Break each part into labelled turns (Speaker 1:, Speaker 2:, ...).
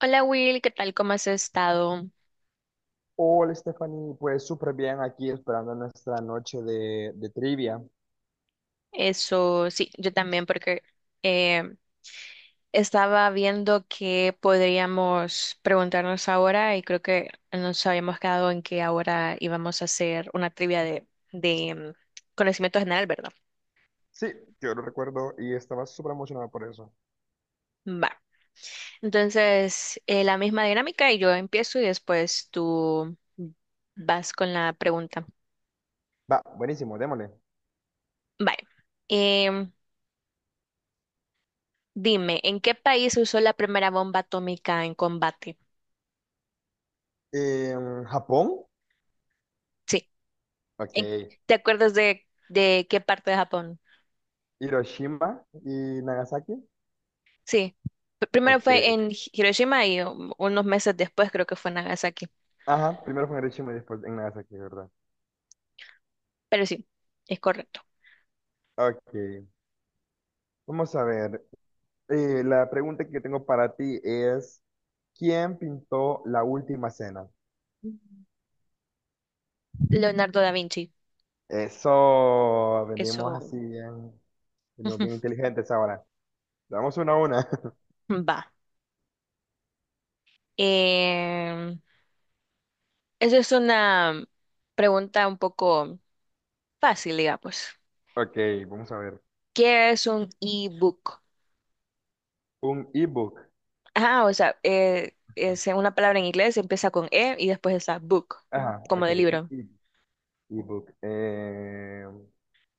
Speaker 1: Hola Will, ¿qué tal? ¿Cómo has estado?
Speaker 2: Hola Stephanie, pues súper bien aquí esperando nuestra noche de trivia.
Speaker 1: Eso, sí, yo también porque eh, estaba viendo qué podríamos preguntarnos ahora y creo que nos habíamos quedado en que ahora íbamos a hacer una trivia de conocimiento general, ¿verdad?
Speaker 2: Sí, yo lo recuerdo y estaba súper emocionado por eso.
Speaker 1: Va. Entonces, la misma dinámica y yo empiezo y después tú vas con la pregunta.
Speaker 2: Va, buenísimo, démosle.
Speaker 1: Vale. Em, Dime, ¿en qué país usó la primera bomba atómica en combate?
Speaker 2: Japón,
Speaker 1: Sí.
Speaker 2: ok.
Speaker 1: En- ¿Te acuerdas de qué parte de Japón?
Speaker 2: Hiroshima y Nagasaki,
Speaker 1: Sí. Primero fue
Speaker 2: ok.
Speaker 1: en Hiroshima y unos meses después creo que fue en Nagasaki.
Speaker 2: Ajá, primero fue en Hiroshima y después en Nagasaki, ¿verdad?
Speaker 1: Pero sí, es correcto.
Speaker 2: Ok, vamos a ver. La pregunta que tengo para ti es: ¿quién pintó la última cena?
Speaker 1: Mm. Leonardo da Vinci.
Speaker 2: Eso, venimos
Speaker 1: Eso.
Speaker 2: así bien, venimos
Speaker 1: Ujú,
Speaker 2: bien inteligentes ahora. Damos una a una.
Speaker 1: va. Eh, Eso es una pregunta un poco fácil, digamos.
Speaker 2: Ok, vamos a ver.
Speaker 1: ¿Qué es un e-book?
Speaker 2: Un ebook.
Speaker 1: Ah, o sea, es una palabra en inglés, empieza con E y después está book,
Speaker 2: Ah,
Speaker 1: como
Speaker 2: ok,
Speaker 1: de
Speaker 2: un
Speaker 1: libro.
Speaker 2: ebook. Eh,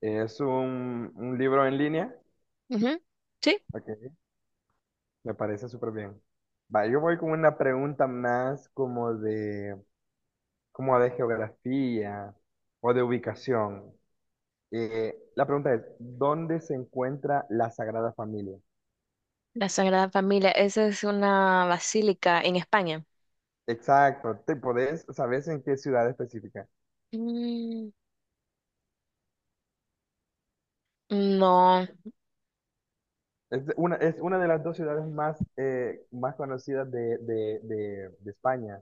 Speaker 2: es un libro en línea.
Speaker 1: Ujú. Sí.
Speaker 2: Ok, me parece súper bien. Va, yo voy con una pregunta más como de geografía o de ubicación. La pregunta es: ¿dónde se encuentra la Sagrada Familia?
Speaker 1: La Sagrada Familia, esa es una basílica en España.
Speaker 2: Exacto, ¿sabes en qué ciudad específica?
Speaker 1: Mm, no.
Speaker 2: Es una de las dos ciudades más, más conocidas de España.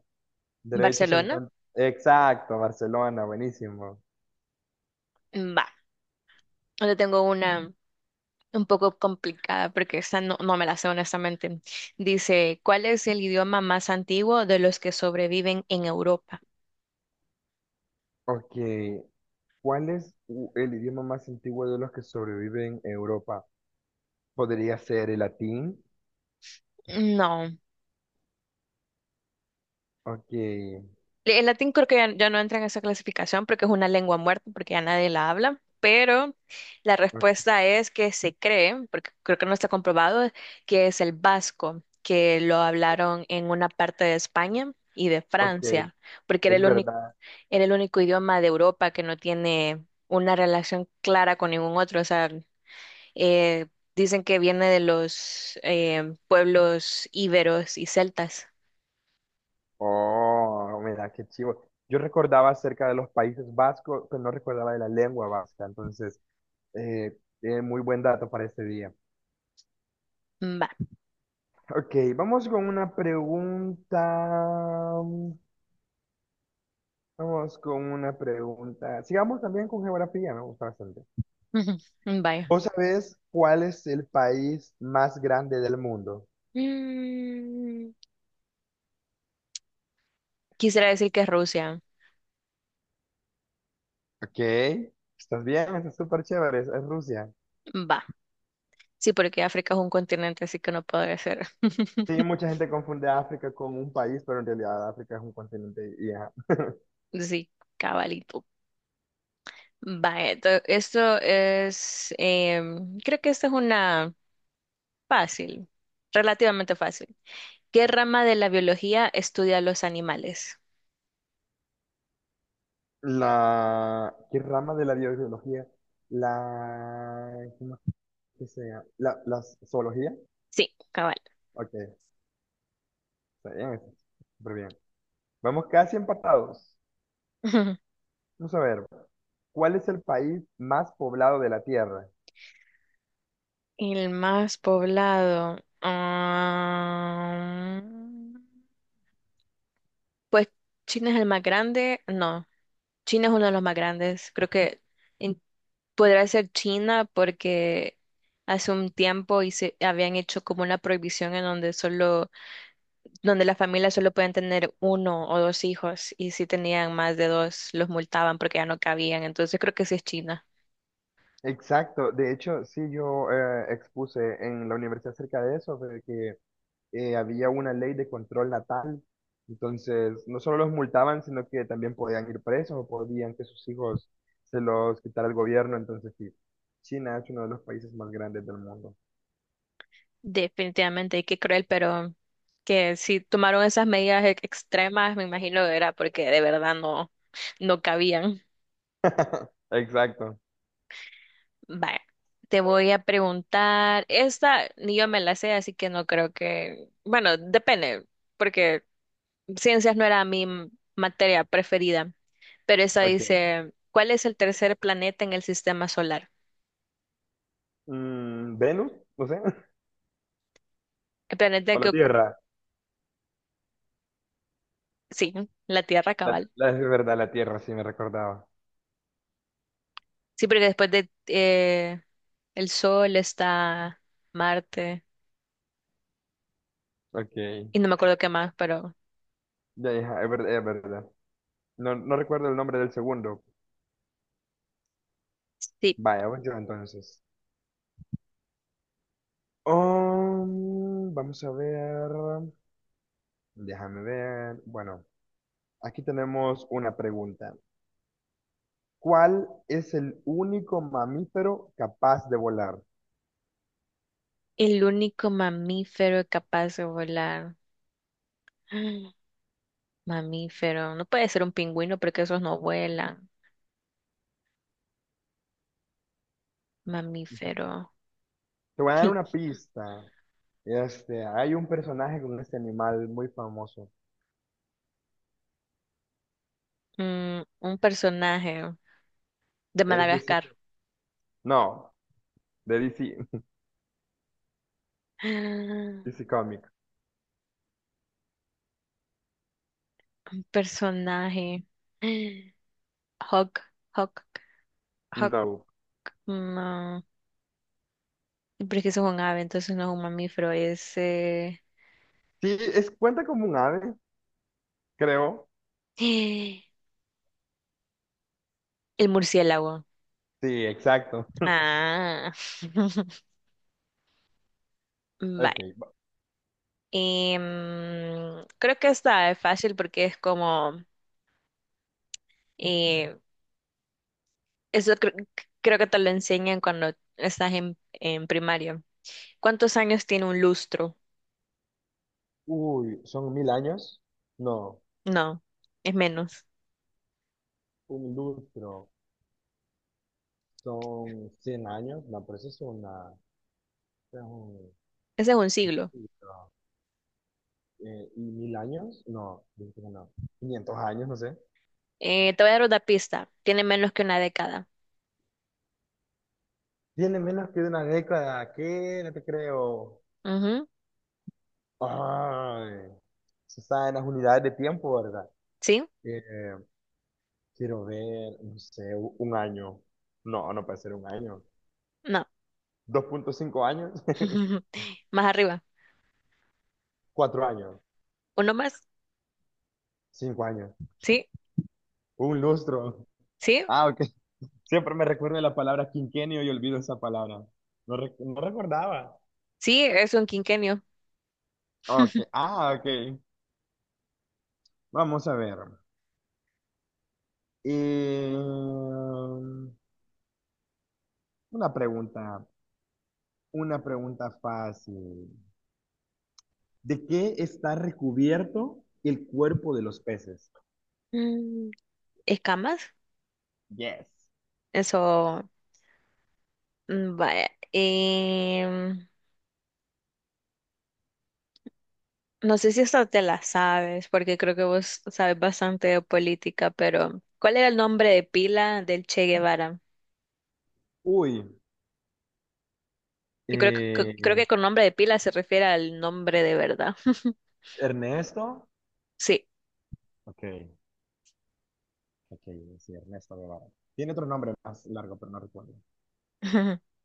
Speaker 2: De hecho, se
Speaker 1: Barcelona,
Speaker 2: encuentra. Exacto, Barcelona, buenísimo.
Speaker 1: va. Yo tengo una un poco complicada porque esa no, no me la sé honestamente. Dice, ¿cuál es el idioma más antiguo de los que sobreviven en Europa?
Speaker 2: Ok, ¿cuál es el idioma más antiguo de los que sobreviven en Europa? ¿Podría ser el latín?
Speaker 1: No.
Speaker 2: Ok,
Speaker 1: El latín creo que ya no entra en esa clasificación porque es una lengua muerta, porque ya nadie la habla, pero la
Speaker 2: ok,
Speaker 1: respuesta es que se cree, porque creo que no está comprobado, que es el vasco, que lo hablaron en una parte de España y de
Speaker 2: ok,
Speaker 1: Francia, porque
Speaker 2: es verdad.
Speaker 1: era el único idioma de Europa que no tiene una relación clara con ningún otro. O sea, eh, dicen que viene de los pueblos íberos y celtas.
Speaker 2: Oh, mira, qué chivo. Yo recordaba acerca de los países vascos, pero no recordaba de la lengua vasca. Entonces, eh, muy buen dato para este día.
Speaker 1: Va.
Speaker 2: Ok, vamos con una pregunta. Vamos con una pregunta. Sigamos también con geografía, me gusta bastante.
Speaker 1: Vaya.
Speaker 2: ¿Vos sabés cuál es el país más grande del mundo?
Speaker 1: Mm, quisiera decir que es Rusia.
Speaker 2: Ok, estás bien, está súper chévere, es Rusia.
Speaker 1: Va. Sí, porque África es un continente, así que no podría ser.
Speaker 2: Sí, mucha gente confunde África con un país, pero en realidad África es un continente. Y, ajá.
Speaker 1: Sí, cabalito. Va, esto es, creo que esta es una fácil, relativamente fácil. ¿Qué rama de la biología estudia los animales?
Speaker 2: ¿Qué rama de la biología? La, ¿Cómo es que sea? La zoología.
Speaker 1: Sí, cabal.
Speaker 2: Ok, está bien, está súper bien. Vamos casi empatados. Vamos a ver, ¿cuál es el país más poblado de la Tierra?
Speaker 1: El más poblado. Ah, pues China es el más grande. No, China es uno de los más grandes. Creo que en... Podría ser China porque hace un tiempo habían hecho como una prohibición en donde solo, donde las familias solo pueden tener uno o dos hijos y si tenían más de dos los multaban porque ya no cabían. Entonces creo que sí es China.
Speaker 2: Exacto, de hecho, sí, yo expuse en la universidad acerca de eso, de que había una ley de control natal, entonces no solo los multaban, sino que también podían ir presos o podían que sus hijos se los quitara el gobierno, entonces sí, China es uno de los países más grandes del mundo.
Speaker 1: Definitivamente, y qué cruel, pero que si tomaron esas medidas extremas, me imagino que era porque de verdad no, no cabían.
Speaker 2: Exacto,
Speaker 1: Vaya, te voy a preguntar, esta ni yo me la sé, así que no creo que, bueno, depende, porque Ciencias no era mi materia preferida, pero esa
Speaker 2: ok.
Speaker 1: dice, ¿cuál es el tercer planeta en el sistema solar?
Speaker 2: ¿Venus? No sé,
Speaker 1: El planeta
Speaker 2: o
Speaker 1: que...
Speaker 2: la
Speaker 1: ocu-.
Speaker 2: Tierra.
Speaker 1: Sí, la Tierra cabal.
Speaker 2: Es verdad, la Tierra, sí me recordaba.
Speaker 1: Sí, porque después de el Sol está Marte
Speaker 2: Ok.
Speaker 1: y no me acuerdo qué más, pero
Speaker 2: Ya, hija, es verdad, es verdad. No, no recuerdo el nombre del segundo.
Speaker 1: sí,
Speaker 2: Vaya, voy yo entonces. Vamos a ver. Déjame ver. Bueno, aquí tenemos una pregunta. ¿Cuál es el único mamífero capaz de volar?
Speaker 1: el único mamífero capaz de volar. Mamífero, no puede ser un pingüino porque esos no vuelan. Mamífero.
Speaker 2: Te voy a dar una pista. Hay un personaje con este animal muy famoso.
Speaker 1: Mm, un personaje de
Speaker 2: Es de
Speaker 1: Madagascar.
Speaker 2: no, de DC. DC Comics.
Speaker 1: Un personaje. Hawk, Hawk, Hawk.
Speaker 2: No.
Speaker 1: No. Pero es que eso es un ave, entonces no es un mamífero, es
Speaker 2: Sí, es, cuenta como un ave, creo.
Speaker 1: el murciélago.
Speaker 2: Sí, exacto.
Speaker 1: Ah.
Speaker 2: Ok.
Speaker 1: Vale.
Speaker 2: va-
Speaker 1: Creo que esta es fácil porque es como... eh, eso cre- creo que te lo enseñan cuando estás en primaria. ¿Cuántos años tiene un lustro?
Speaker 2: Uy, son 1000 años. No,
Speaker 1: No, es menos.
Speaker 2: un lustro. Son 100 años. No, pero eso es una. es un-
Speaker 1: Ese es un siglo.
Speaker 2: no. ¿Y 1000 años? No, yo creo que no. 500 años, no sé.
Speaker 1: Te voy a dar una pista. Tiene menos que una década.
Speaker 2: Tiene menos que una década. ¿Qué? No te creo.
Speaker 1: Ujú.
Speaker 2: Ay, se está en las unidades de tiempo, ¿verdad?
Speaker 1: ¿Sí?
Speaker 2: Eh, Quiero ver, no sé, un año. No, no puede ser un año.
Speaker 1: No.
Speaker 2: 2,5 años,
Speaker 1: Más arriba.
Speaker 2: 4 años,
Speaker 1: ¿Uno más?
Speaker 2: 5 años,
Speaker 1: Sí,
Speaker 2: un lustro.
Speaker 1: sí,
Speaker 2: Ah, ok. Siempre me recuerdo de la palabra quinquenio y olvido esa palabra. No, no recordaba.
Speaker 1: sí, es un quinquenio.
Speaker 2: Ok, ah, ok. Vamos a ver. Una pregunta, una pregunta fácil. ¿De qué está recubierto el cuerpo de los peces?
Speaker 1: Mm, ¿escamas?
Speaker 2: Yes.
Speaker 1: Eso, mm, vaya. No sé si esta te la sabes, porque creo que vos sabes bastante de política, pero ¿cuál era el nombre de pila del Che Guevara?
Speaker 2: Uy,
Speaker 1: Y creo que, creo que
Speaker 2: eh,
Speaker 1: con nombre de pila se refiere al nombre de verdad.
Speaker 2: Ernesto.
Speaker 1: Sí.
Speaker 2: Ok. Ok, sí, Ernesto Guevara. Tiene otro nombre más largo, pero no recuerdo.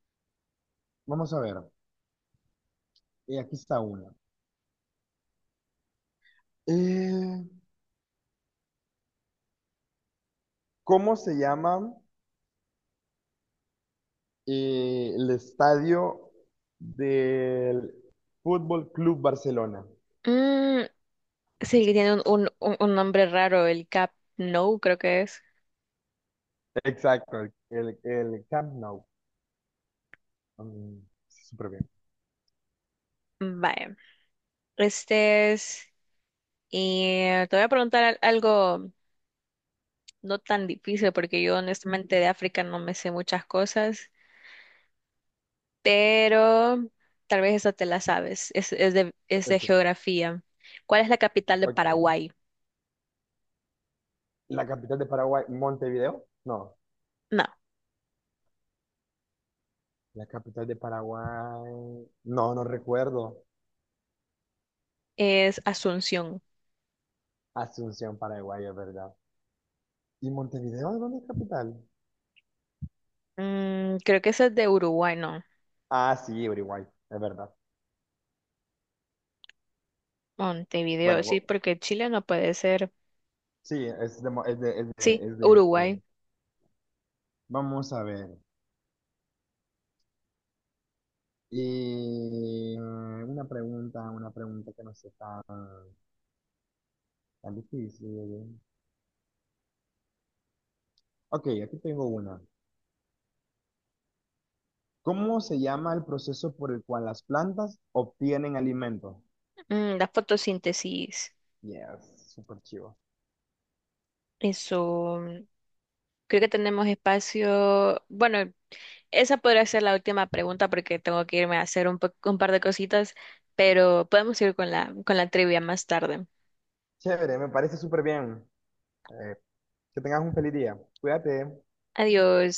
Speaker 2: Vamos a ver. Aquí está una. Eh, ¿Cómo se llama el estadio del Fútbol Club Barcelona?
Speaker 1: Mm, sí, que tiene un nombre raro, el Cap... No, creo que es...
Speaker 2: Exacto, el Camp Nou. Mm, Súper bien.
Speaker 1: Vaya, este es... Y te voy a preguntar algo no tan difícil, porque yo honestamente de África no me sé muchas cosas, pero tal vez esta te la sabes, es de
Speaker 2: Ok,
Speaker 1: geografía. ¿Cuál es la capital de
Speaker 2: ok.
Speaker 1: Paraguay?
Speaker 2: ¿La capital de Paraguay, Montevideo? No.
Speaker 1: No,
Speaker 2: La capital de Paraguay. No, no recuerdo.
Speaker 1: es Asunción.
Speaker 2: Asunción, Paraguay, es verdad. ¿Y Montevideo de dónde es capital?
Speaker 1: Mm, creo que esa es de Uruguay, no.
Speaker 2: Ah, sí, Uruguay, es verdad.
Speaker 1: Montevideo,
Speaker 2: Bueno,
Speaker 1: sí, porque Chile no puede ser.
Speaker 2: sí, es de, Mo- es de, es de,
Speaker 1: Sí,
Speaker 2: es de
Speaker 1: Uruguay.
Speaker 2: Uruguay. Vamos a ver. Y una pregunta que no sea tan difícil. Ok, aquí tengo una. ¿Cómo se llama el proceso por el cual las plantas obtienen alimento?
Speaker 1: Mm, la fotosíntesis.
Speaker 2: Yes, súper chivo.
Speaker 1: Eso, mm, creo que tenemos espacio. Bueno, esa podría ser la última pregunta porque tengo que irme a hacer un, un par de cositas, pero podemos ir con la trivia más tarde.
Speaker 2: Chévere, me parece súper bien. Eh, que tengas un feliz día. Cuídate.
Speaker 1: Adiós.